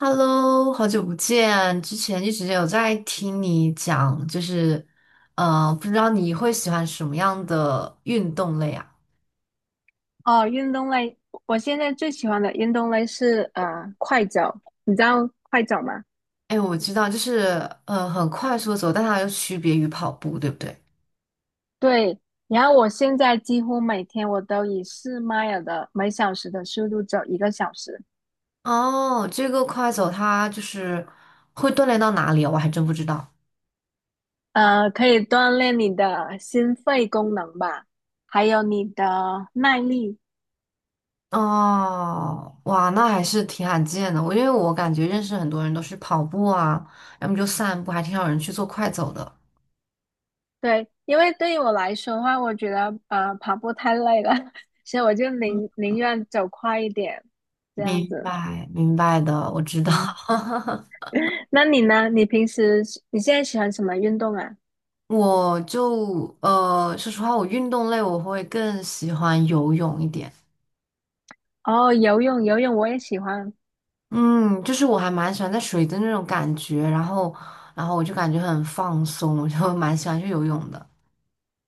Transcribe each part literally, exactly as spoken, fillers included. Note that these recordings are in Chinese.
Hello，好久不见！之前一直有在听你讲，就是，呃，不知道你会喜欢什么样的运动类啊？哦，运动类，我现在最喜欢的运动类是呃快走，你知道快走吗？哎，我知道，就是，呃，很快速的走，但它又区别于跑步，对不对？对，然后我现在几乎每天我都以四迈尔的每小时的速度走一个小时，哦，这个快走它就是会锻炼到哪里啊？我还真不知道。呃，可以锻炼你的心肺功能吧，还有你的耐力。哦，哇，那还是挺罕见的。我因为我感觉认识很多人都是跑步啊，要么就散步，还挺少人去做快走的。对，因为对于我来说的话，我觉得呃跑步太累了，所以我就嗯，宁宁愿走快一点，这样明子，白，明白的，我知道。嗯。那你呢？你平时你现在喜欢什么运动啊？我就呃，说实话，我运动类我会更喜欢游泳一点。哦，游泳，游泳我也喜欢。嗯，就是我还蛮喜欢在水的那种感觉，然后，然后我就感觉很放松，我就蛮喜欢去游泳的。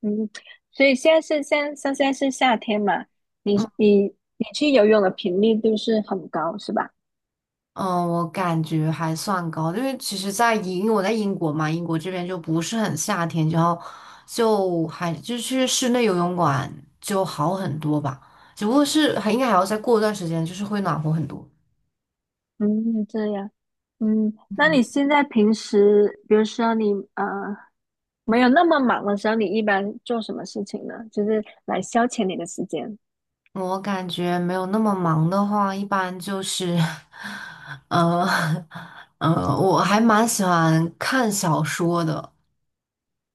嗯，所以现在是现像现在是夏天嘛？你嗯你你去游泳的频率都是很高，是吧？嗯，呃我感觉还算高，因为其实在英，因为我在英国嘛，英国这边就不是很夏天，然后就还就去室内游泳馆就好很多吧，只不过是还应该还要再过一段时间，就是会暖和很多。嗯，这样。嗯，那你现在平时，比如说你啊，没有那么忙的时候，你一般做什么事情呢？就是来消遣你的时间。我感觉没有那么忙的话，一般就是，呃，呃，我还蛮喜欢看小说的。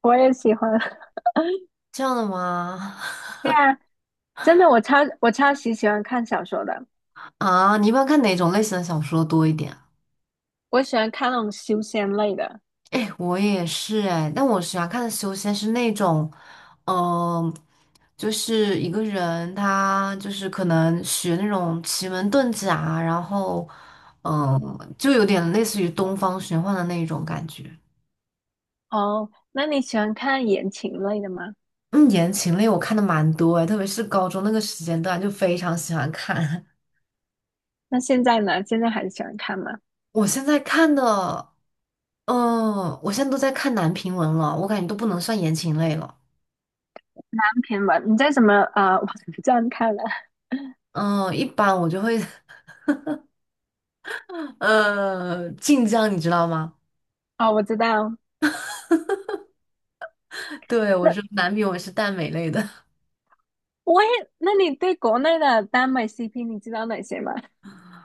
我也喜欢。这样的吗？对啊，真的，我超我超级喜欢看小说的，啊，你一般看哪种类型的小说多一点啊？我喜欢看那种修仙类的。哎，我也是哎，但我喜欢看的修仙是那种，嗯、就是一个人他就是可能学那种奇门遁甲，然后，嗯、就有点类似于东方玄幻的那一种感觉。哦，那你喜欢看言情类的吗？嗯，言情类我看的蛮多诶，特别是高中那个时间段，就非常喜欢看。那现在呢？现在还喜欢看吗？我现在看的，嗯，我现在都在看男频文了，我感觉都不能算言情类了。单篇吧，你在什么呃网站看的？嗯，一般我就会，呃，晋江，你知道吗？哦，我知道。对，我那说男频文是耽美类的，我也，那你对国内的耽美 C P 你知道哪些吗？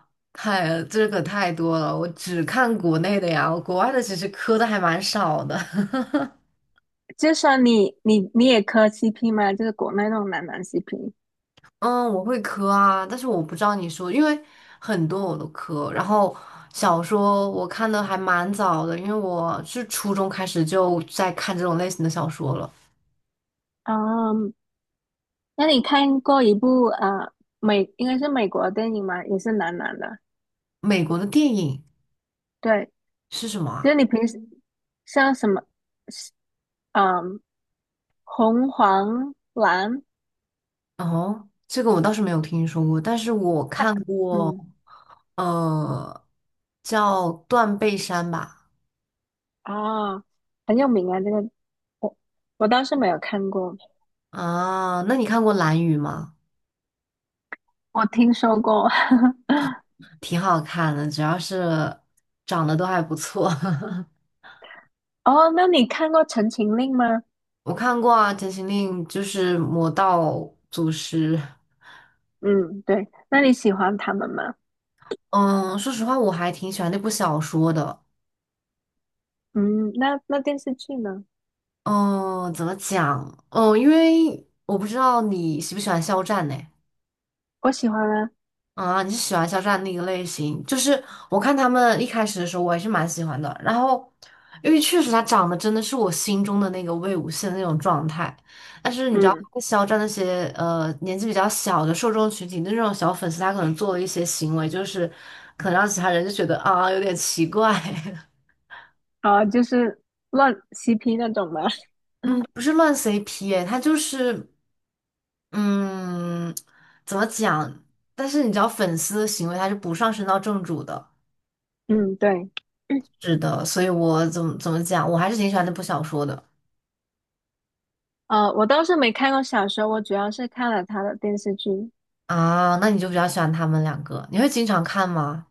太，这个太多了，我只看国内的呀，我国外的其实磕的还蛮少的。就算你你你也磕 C P 吗？就是国内那种男男 C P。嗯，我会磕啊，但是我不知道你说，因为很多我都磕。然后小说我看的还蛮早的，因为我是初中开始就在看这种类型的小说了。嗯，那你看过一部呃美应该是美国的电影吗？也是男男的。美国的电影对，是什么就是啊？你平时像什么，嗯，红黄蓝。哦，这个我倒是没有听说过，但是我他，看过，嗯，呃，叫《断背山》吧。啊，很有名啊，这个我我倒是没有看过，啊，那你看过《蓝宇》吗？我听说过。挺好看的，主要是长得都还不错。哦，那你看过《陈情令》吗？我看过啊，《减行令》就是魔道祖师。嗯，对，那你喜欢他们吗？嗯，说实话，我还挺喜欢那部小说的。嗯，那那电视剧呢？嗯，怎么讲？嗯，因为我不知道你喜不喜欢肖战呢？我喜欢啊，啊，你是喜欢肖战那个类型？就是我看他们一开始的时候，我还是蛮喜欢的。然后，因为确实他长得真的是我心中的那个魏无羡的那种状态。但是你知道，嗯，肖战那些呃年纪比较小的受众群体的那种小粉丝，他可能做了一些行为，就是可能让其他人就觉得啊有点奇怪。啊，就是乱 C P 那种吗？嗯，不是乱 C P 哎，他就是嗯怎么讲？但是你知道，粉丝的行为他是不上升到正主的。嗯，对，是的，所以我怎么怎么讲，我还是挺喜欢那部小说的呃，我倒是没看过小说，我主要是看了他的电视剧。啊。那你就比较喜欢他们两个，你会经常看吗？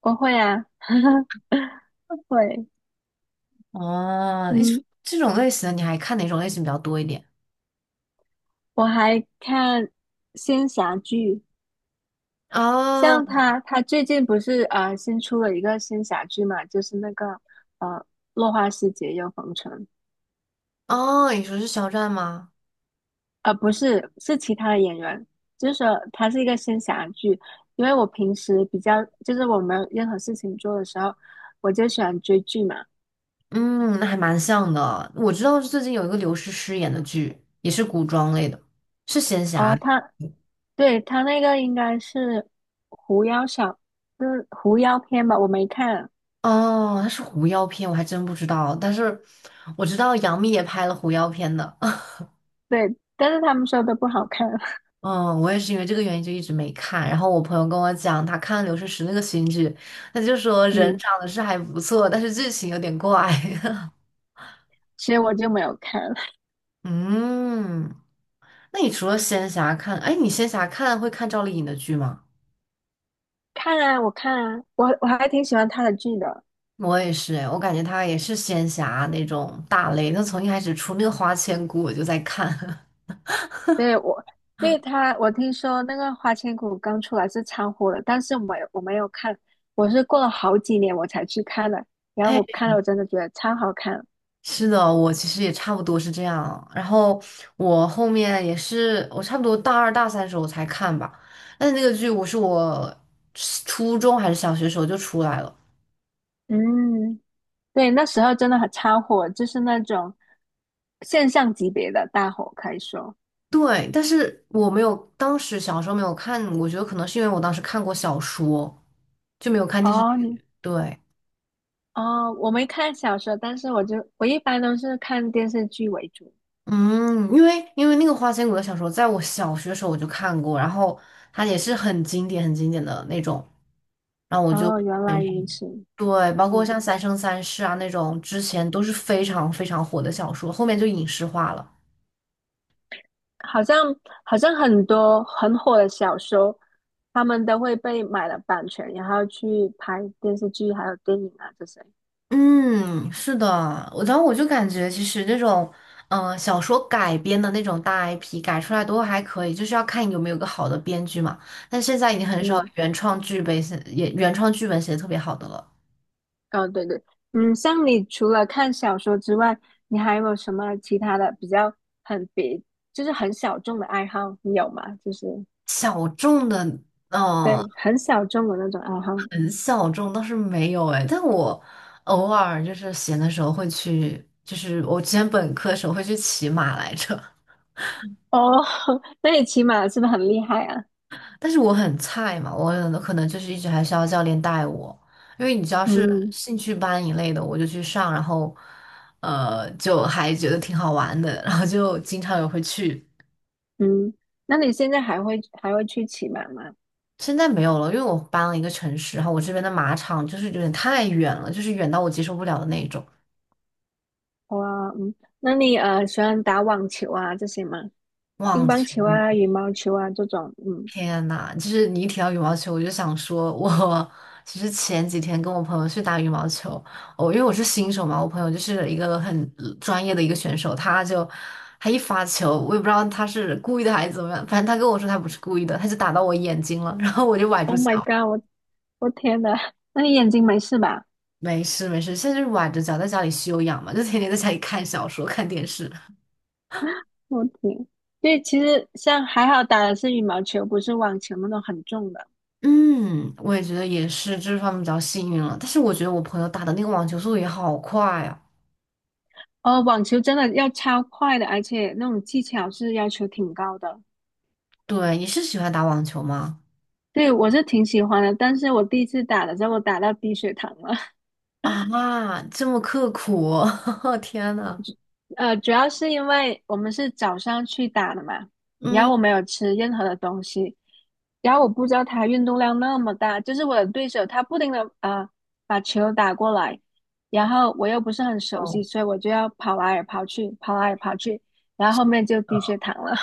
我会啊，会，哦，你嗯，这种类型的你还看哪种类型比较多一点？我还看仙侠剧，哦像他，他最近不是呃新出了一个仙侠剧嘛，就是那个呃《落花时节又逢春》，哦，你说是肖战吗？呃不是，是其他的演员，就是说他是一个仙侠剧。因为我平时比较就是我没有任何事情做的时候，我就喜欢追剧嘛。嗯，那还蛮像的。我知道最近有一个刘诗诗演的剧，也是古装类的，是仙侠哦、类他对，他那个应该是狐妖小，就是狐妖篇吧，我没看。哦，它是狐妖片，我还真不知道。但是我知道杨幂也拍了狐妖片的。对，但是他们说都不好看，嗯，我也是因为这个原因就一直没看。然后我朋友跟我讲，他看了《刘诗诗》那个新剧，他就说 人嗯，长得是还不错，但是剧情有点怪。所以我就没有看。嗯，那你除了仙侠看，哎，你仙侠看会看赵丽颖的剧吗？看啊，我看啊，我我还挺喜欢他的剧的。我也是，哎，我感觉她也是仙侠那种大类。她从一开始出那个《花千骨》，我就在看。对，我对他，我听说那个《花千骨》刚出来是超火的，但是我没有我没有看，我是过了好几年我才去看的。然后哎，我看了，我真的觉得超好看。是的，我其实也差不多是这样。然后我后面也是，我差不多大二大三时候才看吧。但是那个剧我是我初中还是小学时候就出来了。嗯，对，那时候真的很超火，就是那种现象级别的大火，可以说。对，但是我没有，当时小时候没有看，我觉得可能是因为我当时看过小说，就没有看电视哦，你剧。对，哦，我没看小说，但是我就我一般都是看电视剧为主。嗯，因为因为那个《花千骨》的小说，在我小学时候我就看过，然后它也是很经典、很经典的那种，然后我就。哦，原来如此。对，包括嗯。像《三生三世》啊那种，之前都是非常非常火的小说，后面就影视化了。好像好像很多很火的小说，他们都会被买了版权，然后去拍电视剧还有电影啊这些。嗯，是的，我然后我就感觉其实那种，嗯、小说改编的那种大 I P 改出来都还可以，就是要看有没有个好的编剧嘛。但现在已经很少嗯，原创剧本写，也原创剧本写的特别好的了。哦，对对，嗯，像你除了看小说之外，你还有没有什么其他的比较很别，就是很小众的爱好？你有吗？就是小众的，嗯、对，很小众的那种爱好。很小众倒是没有哎，但我偶尔就是闲的时候会去，就是我之前本科的时候会去骑马来着。哦，那你骑马是不是很厉害啊？但是我很菜嘛，我可能就是一直还是要教练带我，因为你知道是嗯兴趣班一类的，我就去上，然后呃就还觉得挺好玩的，然后就经常也会去。嗯，那你现在还会还会去骑马吗？现在没有了，因为我搬了一个城市，然后我这边的马场就是有点太远了，就是远到我接受不了的那种。哇，嗯，那你呃喜欢打网球啊这些吗？乒忘乓情球啊、羽毛球啊这种，嗯天呐，就是你一提到羽毛球，我就想说我，其实前几天跟我朋友去打羽毛球，我、因为我是新手嘛，我朋友就是一个很呃专业的一个选手，他就他一发球，我也不知道他是故意的还是怎么样，反正他跟我说他不是故意的，他就打到我眼睛了，然后我就崴住，Oh my 脚。god，我我天呐，那你眼睛没事吧？没事没事，现在就是崴着脚在家里休养嘛，就天天在家里看小说、看电视。我天，对，其实像还好打的是羽毛球，不是网球那种很重的。嗯，我也觉得也是这方面比较幸运了，但是我觉得我朋友打的那个网球速度也好快啊。哦，网球真的要超快的，而且那种技巧是要求挺高的。对，你是喜欢打网球吗？对，我是挺喜欢的，但是我第一次打的时候，我打到低血糖了。啊，这么刻苦，天呐。呃，主要是因为我们是早上去打的嘛，然嗯，后我没有吃任何的东西，然后我不知道他运动量那么大，就是我的对手他不停的啊把球打过来，然后我又不是很熟悉，哦所以我就要跑来跑去，跑来跑去，然后后面就低血糖了。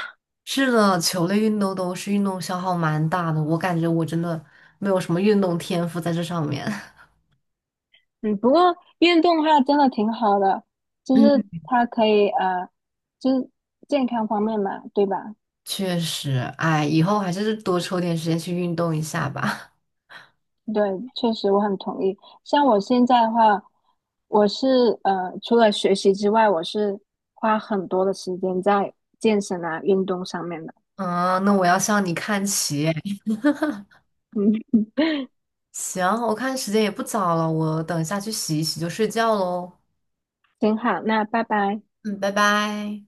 是的，球类运动都是运动消耗蛮大的，我感觉我真的没有什么运动天赋在这上面。嗯，不过运动的话真的挺好的，就 是嗯，它可以呃，就是健康方面嘛，对吧？确实，哎，以后还是多抽点时间去运动一下吧。对，确实我很同意。像我现在的话，我是呃，除了学习之外，我是花很多的时间在健身啊、运动上面的。嗯，那我要向你看齐哎嗯，行，我看时间也不早了，我等一下去洗一洗就睡觉喽。挺好，那拜拜。嗯，拜拜。